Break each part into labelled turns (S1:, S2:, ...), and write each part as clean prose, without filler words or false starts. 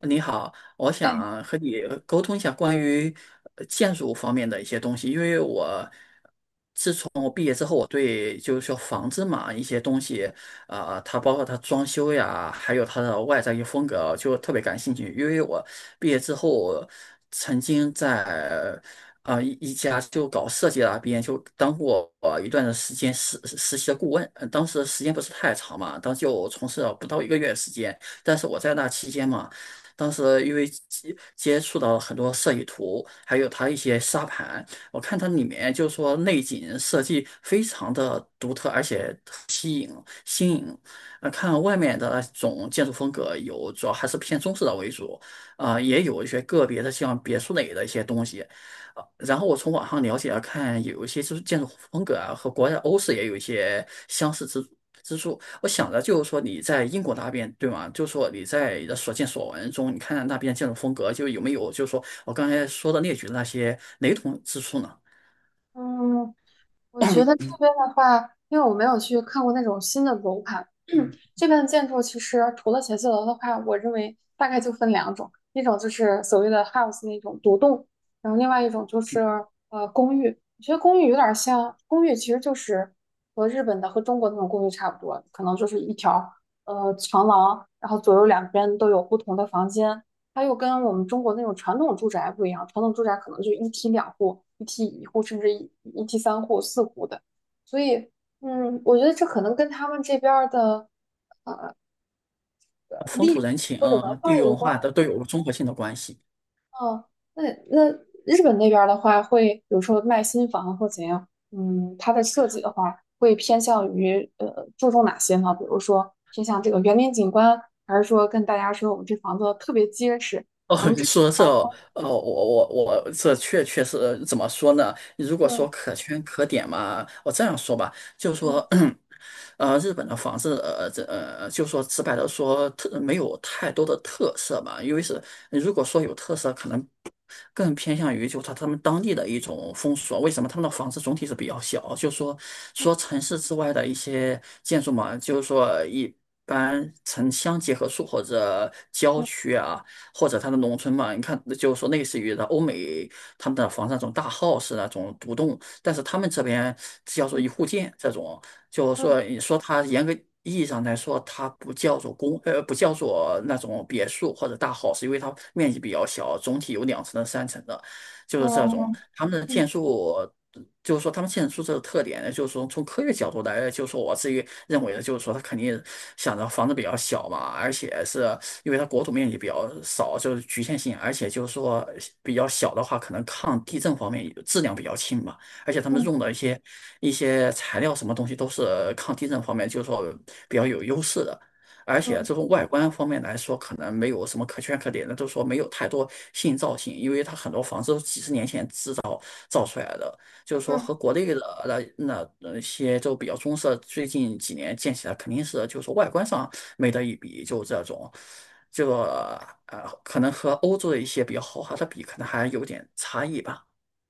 S1: 你好，我
S2: 哎，
S1: 想和你沟通一下关于建筑方面的一些东西，因为我从我毕业之后，我对就是说房子嘛一些东西，它包括它装修呀，还有它的外在一些风格，就特别感兴趣。因为我毕业之后曾经在一家就搞设计的那边就当过一段的时间实习的顾问，当时时间不是太长嘛，当时就从事了不到一个月时间。但是我在那期间嘛，当时因为接触到很多设计图，还有它一些沙盘。我看它里面就是说内景设计非常的独特，而且新颖。看外面的那种建筑风格有，主要还是偏中式的为主，也有一些个别的像别墅类的一些东西。然后我从网上了解了看，有一些就是建筑风格啊，和国外的欧式也有一些相似之处。我想着就是说你在英国那边对吗？就是说你在你的所见所闻中，你看看那边建筑风格，就有没有就是说我刚才说的列举的那些雷同之处呢？
S2: 嗯，我觉得这边的话，因为我没有去看过那种新的楼盘，这边的建筑其实除了写字楼的话，我认为大概就分两种，一种就是所谓的 house 那种独栋，然后另外一种就是公寓。我觉得公寓有点像，公寓其实就是和日本的和中国那种公寓差不多，可能就是一条长廊，然后左右两边都有不同的房间。它又跟我们中国那种传统住宅不一样，传统住宅可能就一梯两户、一梯一户，甚至一梯三户、四户的。所以，我觉得这可能跟他们这边儿的
S1: 风
S2: 历
S1: 土
S2: 史
S1: 人情，
S2: 或者文
S1: 地
S2: 化
S1: 域
S2: 有
S1: 文
S2: 关。
S1: 化的都有个综合性的关系。
S2: 啊，那那日本那边的话，会比如说卖新房或怎样，嗯，它的设计的话，会偏向于注重哪些呢？比如说偏向这个园林景观，还是说跟大家说我们这房子特别结实？
S1: 哦，你说这哦，我这确实怎么说呢？如果
S2: 嗯
S1: 说可圈可点嘛，我这样说吧，就
S2: 嗯
S1: 说，日本的房子，这就说直白的说，特没有太多的特色吧，因为是如果说有特色，可能更偏向于就他们当地的一种风俗啊。为什么他们的房子总体是比较小？就说城市之外的一些建筑嘛，就是说一般城乡结合处或者郊
S2: 嗯
S1: 区啊。或者它的农村嘛，你看就是说类似于的欧美他们的房子那种大 house 那种独栋，但是他们这边叫做
S2: 嗯
S1: 一户建这种，就是
S2: 嗯
S1: 说你说它严格。意义上来说，它不叫做那种别墅或者大 house，因为它面积比较小，总体有2层的、3层的。就
S2: 嗯
S1: 是这种
S2: 嗯
S1: 他们的
S2: 嗯
S1: 建筑，就是说他们建筑这个特点呢，就是说从科学角度来，就是说我自己认为的，就是说他肯定想着房子比较小嘛，而且是因为它国土面积比较少，就是局限性，而且就是说比较小的话，可能抗地震方面也质量比较轻嘛，而且他
S2: 嗯
S1: 们
S2: 嗯。
S1: 用的一些材料什么东西都是抗地震方面就是说比较有优势的。而
S2: 嗯
S1: 且这
S2: 嗯
S1: 种外观方面来说，可能没有什么可圈可点的，就是说没有太多新造型，因为它很多房子都是几十年前制造出来的，就是说和
S2: 嗯
S1: 国内的那些就比较中式，最近几年建起来肯定是就是外观上没得一比，就这种，这个可能和欧洲的一些比较豪华的比，可能还有点差异吧。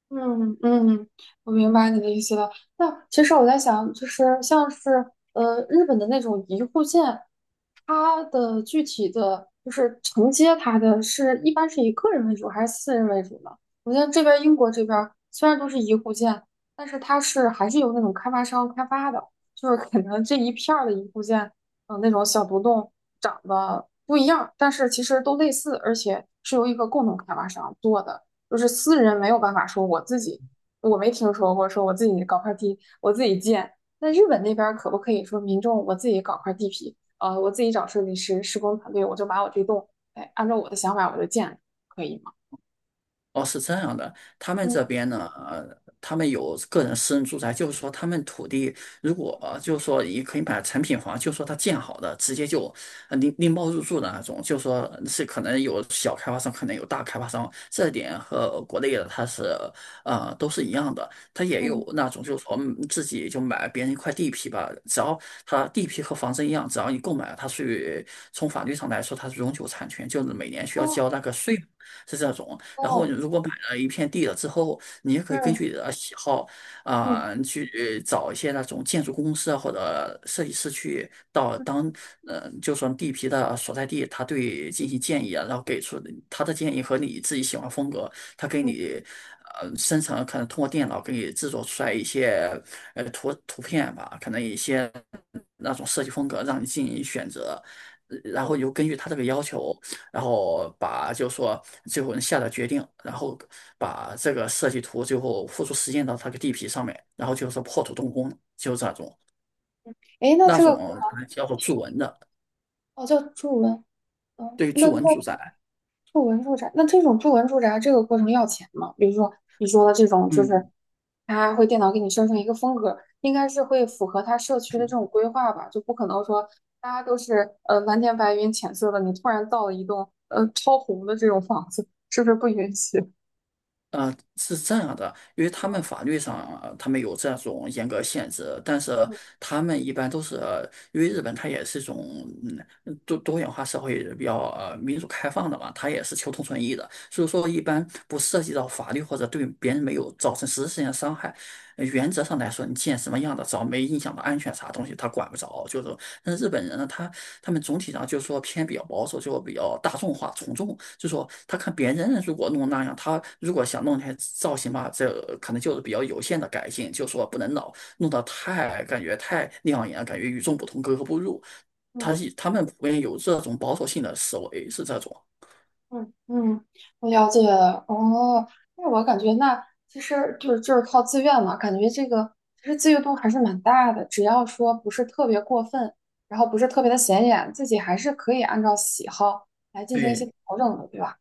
S2: 嗯嗯，我明白你的意思了。那其实我在想，就是像是日本的那种一户建，它的具体的就是承接它的是一般是以个人为主还是私人为主呢？我觉得这边英国这边虽然都是一户建，但是它是还是由那种开发商开发的，就是 可能这一片儿的一户建，嗯、那种小独栋长得不一样，但是其实都类似，而且是由一个共同开发商做的。就是私人没有办法说我自己，我没听说过说我自己搞块地，我自己建。那日本那边可不可以说民众我自己搞块地皮，我自己找设计师、施工团队，我就把我这栋，哎，按照我的想法我就建了可以吗？
S1: 哦，是这样的，他们这
S2: 嗯
S1: 边呢，他们有个人私人住宅，就是说他们土地如果就是说也可以买成品房，就是说他建好的，直接就拎包入住的那种，就是说是可能有小开发商，可能有大开发商，这点和国内的它是都是一样的，他也
S2: 嗯
S1: 有那种就是说自己就买别人一块地皮吧，只要他地皮和房子一样，只要你购买了，它属于从法律上来说它是永久产权，就是每年需要
S2: 哦
S1: 交那个税。是这种，然后
S2: 哦
S1: 你如果买了一片地了之后，你也可以根
S2: 嗯
S1: 据你的喜好啊、
S2: 嗯
S1: 去找一些那种建筑公司啊或者设计师去到
S2: 嗯
S1: 就说地皮的所在地，他对进行建议啊，然后给出他的建议和你自己喜欢风格，他给
S2: 嗯，
S1: 你。生成可能通过电脑给你制作出来一些图片吧，可能一些那种设计风格让你进行选择，然
S2: 哦，
S1: 后又根据他这个要求，然后把就说最后下的决定，然后把这个设计图最后付出实践到他个地皮上面，然后就是破土动工，就是这种
S2: 哎，那
S1: 那
S2: 这个
S1: 种可能叫做筑文的，
S2: 哦叫住文，哦，
S1: 对于
S2: 那
S1: 筑文
S2: 那
S1: 住宅，
S2: 住文住宅，那这种住文住宅这个过程要钱吗？比如说你说的这种就是
S1: 嗯。
S2: 它会电脑给你生成一个风格，应该是会符合他社区的这种规划吧，就不可能说大家都是蓝天白云浅色的，你突然造了一栋超红的这种房子，是不是不允许？
S1: 是这样的，因为他们法律上他们有这种严格限制，但是他们一般都是，因为日本它也是一种多元化社会比较民主开放的嘛，它也是求同存异的，所以说一般不涉及到法律或者对别人没有造成实质性的伤害。原则上来说，你建什么样的，只要没影响到安全啥东西，他管不着，就是但是日本人呢，他们总体上就是说偏比较保守，就比较大众化、从众，就说他看别人如果弄那样，他如果想弄那些造型吧，这可能就是比较有限的改进，就说不能老弄得太感觉太亮眼，感觉与众不同、格格不入。
S2: 嗯
S1: 他们普遍有这种保守性的思维，是这种。
S2: 嗯嗯，我了解了。哦，那我感觉那其实就是靠自愿嘛，感觉这个其实自由度还是蛮大的，只要说不是特别过分，然后不是特别的显眼，自己还是可以按照喜好来进行一些
S1: 对。
S2: 调整的，对吧？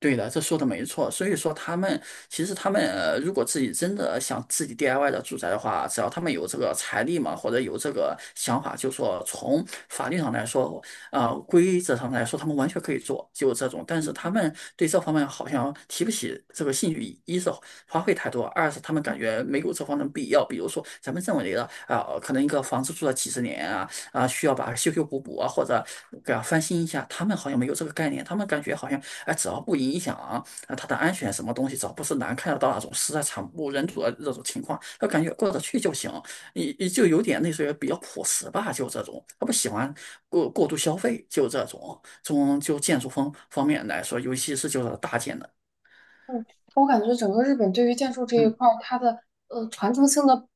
S1: 对的，这说的没错。所以说，其实他们如果自己真的想自己 DIY 的住宅的话，只要他们有这个财力嘛，或者有这个想法，就说从法律上来说，啊，规则上来说，他们完全可以做，就这种。但是他们对这方面好像提不起这个兴趣，一是花费太多，二是他们感觉没有这方面的必要。比如说，咱们认为的啊、可能一个房子住了几十年啊，啊，需要把它修修补补啊，或者给它翻新一下，他们好像没有这个概念，他们感觉好像。哎，只要不影响啊它的安全什么东西，只要不是难看得到那种实在惨不忍睹的这种情况，他感觉过得去就行。你就有点类似于比较朴实吧，就这种，他不喜欢过度消费，就这种。从就建筑方面来说，尤其是就是大件的，
S2: 嗯我感觉整个日本对于建筑这一
S1: 嗯
S2: 块儿，它的传承性的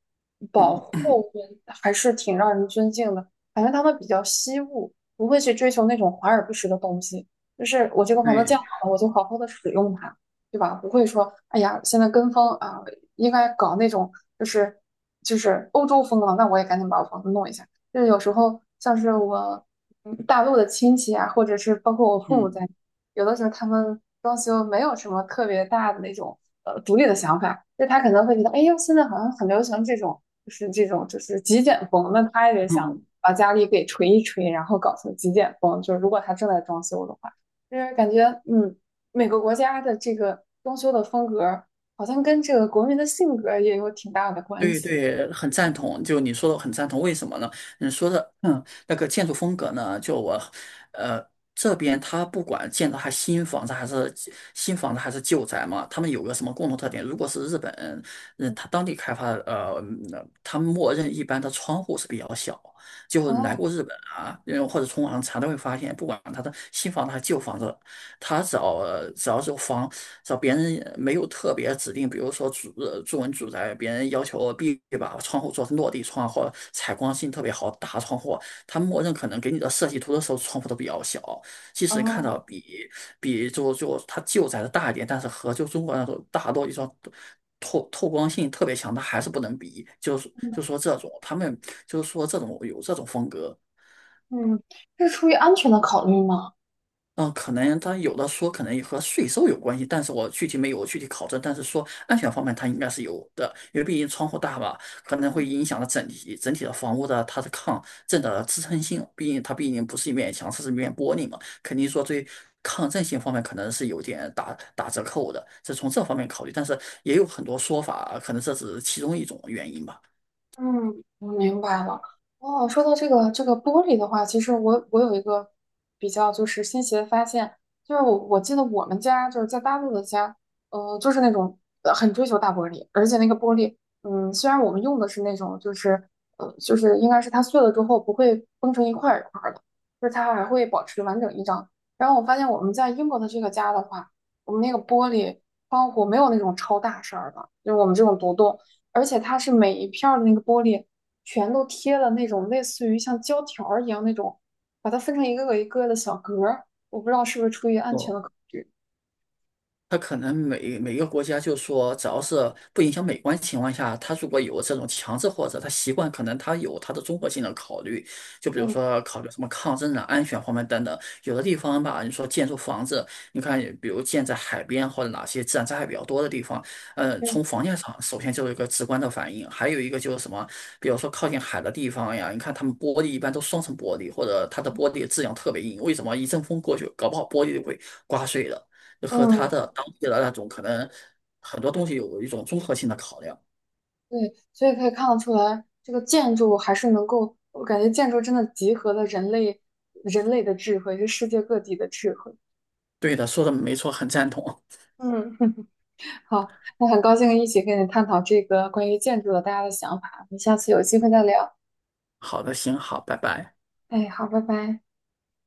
S2: 保
S1: 嗯，嗯
S2: 护还是挺让人尊敬的。感觉他们比较惜物，不会去追求那种华而不实的东西。就是我这个房子建
S1: 对，
S2: 好了，我就好好的使用它，对吧？不会说，哎呀，现在跟风啊，应该搞那种就是欧洲风了，那我也赶紧把我房子弄一下。就是有时候像是我大陆的亲戚啊，或者是包括我父母
S1: 嗯
S2: 在。有的时候他们装修没有什么特别大的那种独立的想法，就他可能会觉得，哎呦，现在好像很流行这种，就是这种就是极简风，那他也得
S1: 嗯。
S2: 想
S1: 嗯
S2: 把家里给锤一锤，然后搞成极简风。就是如果他正在装修的话，就是感觉嗯，每个国家的这个装修的风格好像跟这个国民的性格也有挺大的关
S1: 对
S2: 系。
S1: 对，很赞同。就你说的，很赞同。为什么呢？你说的，那个建筑风格呢，就我，呃，这边它不管建的还新房子还是旧宅嘛，他们有个什么共同特点？如果是日本，他当地开发他们默认一般的窗户是比较小。就来过
S2: 哦
S1: 日本啊，或者从网上查都会发现，不管他的新房子还是旧房子，他只要是房找别人没有特别指定，比如说作文主宅，别人要求必须把窗户做成落地窗或者采光性特别好大窗户，他默认可能给你的设计图的时候窗户都比较小，即使看
S2: 哦，
S1: 到比就它旧宅的大一点，但是和就中国那种大落地窗。透光性特别强，它还是不能比，就是
S2: 嗯
S1: 就说这种他们就是说这种有这种风格，
S2: 嗯，是出于安全的考虑吗？
S1: 嗯，可能他有的说可能也和税收有关系，但是我具体没有具体考证，但是说安全方面它应该是有的，因为毕竟窗户大吧，可能会影响了整体的房屋的它的抗震的支撑性，它毕竟不是一面墙，是一面玻璃嘛，肯定说对抗震性方面可能是有点打折扣的，是从这方面考虑，但是也有很多说法，可能这只是其中一种原因吧。
S2: 嗯，我明白了。哦，说到这个这个玻璃的话，其实我有一个比较就是新奇的发现，就是我记得我们家就是在大陆的家，就是那种很追求大玻璃，而且那个玻璃，虽然我们用的是那种就是就是应该是它碎了之后不会崩成一块儿一块儿的，就是它还会保持完整一张。然后我发现我们在英国的这个家的话，我们那个玻璃窗户没有那种超大扇儿的，就是我们这种独栋。而且它是每一片儿的那个玻璃全都贴了那种类似于像胶条儿一样那种，把它分成一个个一个的小格儿。我不知道是不是出于安全
S1: 哦。
S2: 的考虑。
S1: 它可能每个国家就说，只要是不影响美观情况下，它如果有这种强制或者它习惯，可能它有它的综合性的考虑，就比如
S2: 嗯，
S1: 说考虑什么抗震啊、安全方面等等。有的地方吧，你说建筑房子，你看比如建在海边或者哪些自然灾害比较多的地方，
S2: 嗯
S1: 从房价上首先就有一个直观的反应，还有一个就是什么，比如说靠近海的地方呀，你看他们玻璃一般都双层玻璃，或者它的玻璃质量特别硬，为什么一阵风过去，搞不好玻璃就会刮碎了。和他
S2: 嗯，
S1: 的当地的那种可能很多东西有一种综合性的考量。
S2: 对，所以可以看得出来，这个建筑还是能够，我感觉建筑真的集合了人类的智慧，是世界各地的智慧。
S1: 对的，说的没错，很赞同。
S2: 嗯，好，那很高兴一起跟你探讨这个关于建筑的大家的想法，我们下次有机会再聊。
S1: 好的，行，好，拜拜。
S2: 哎，好，拜拜。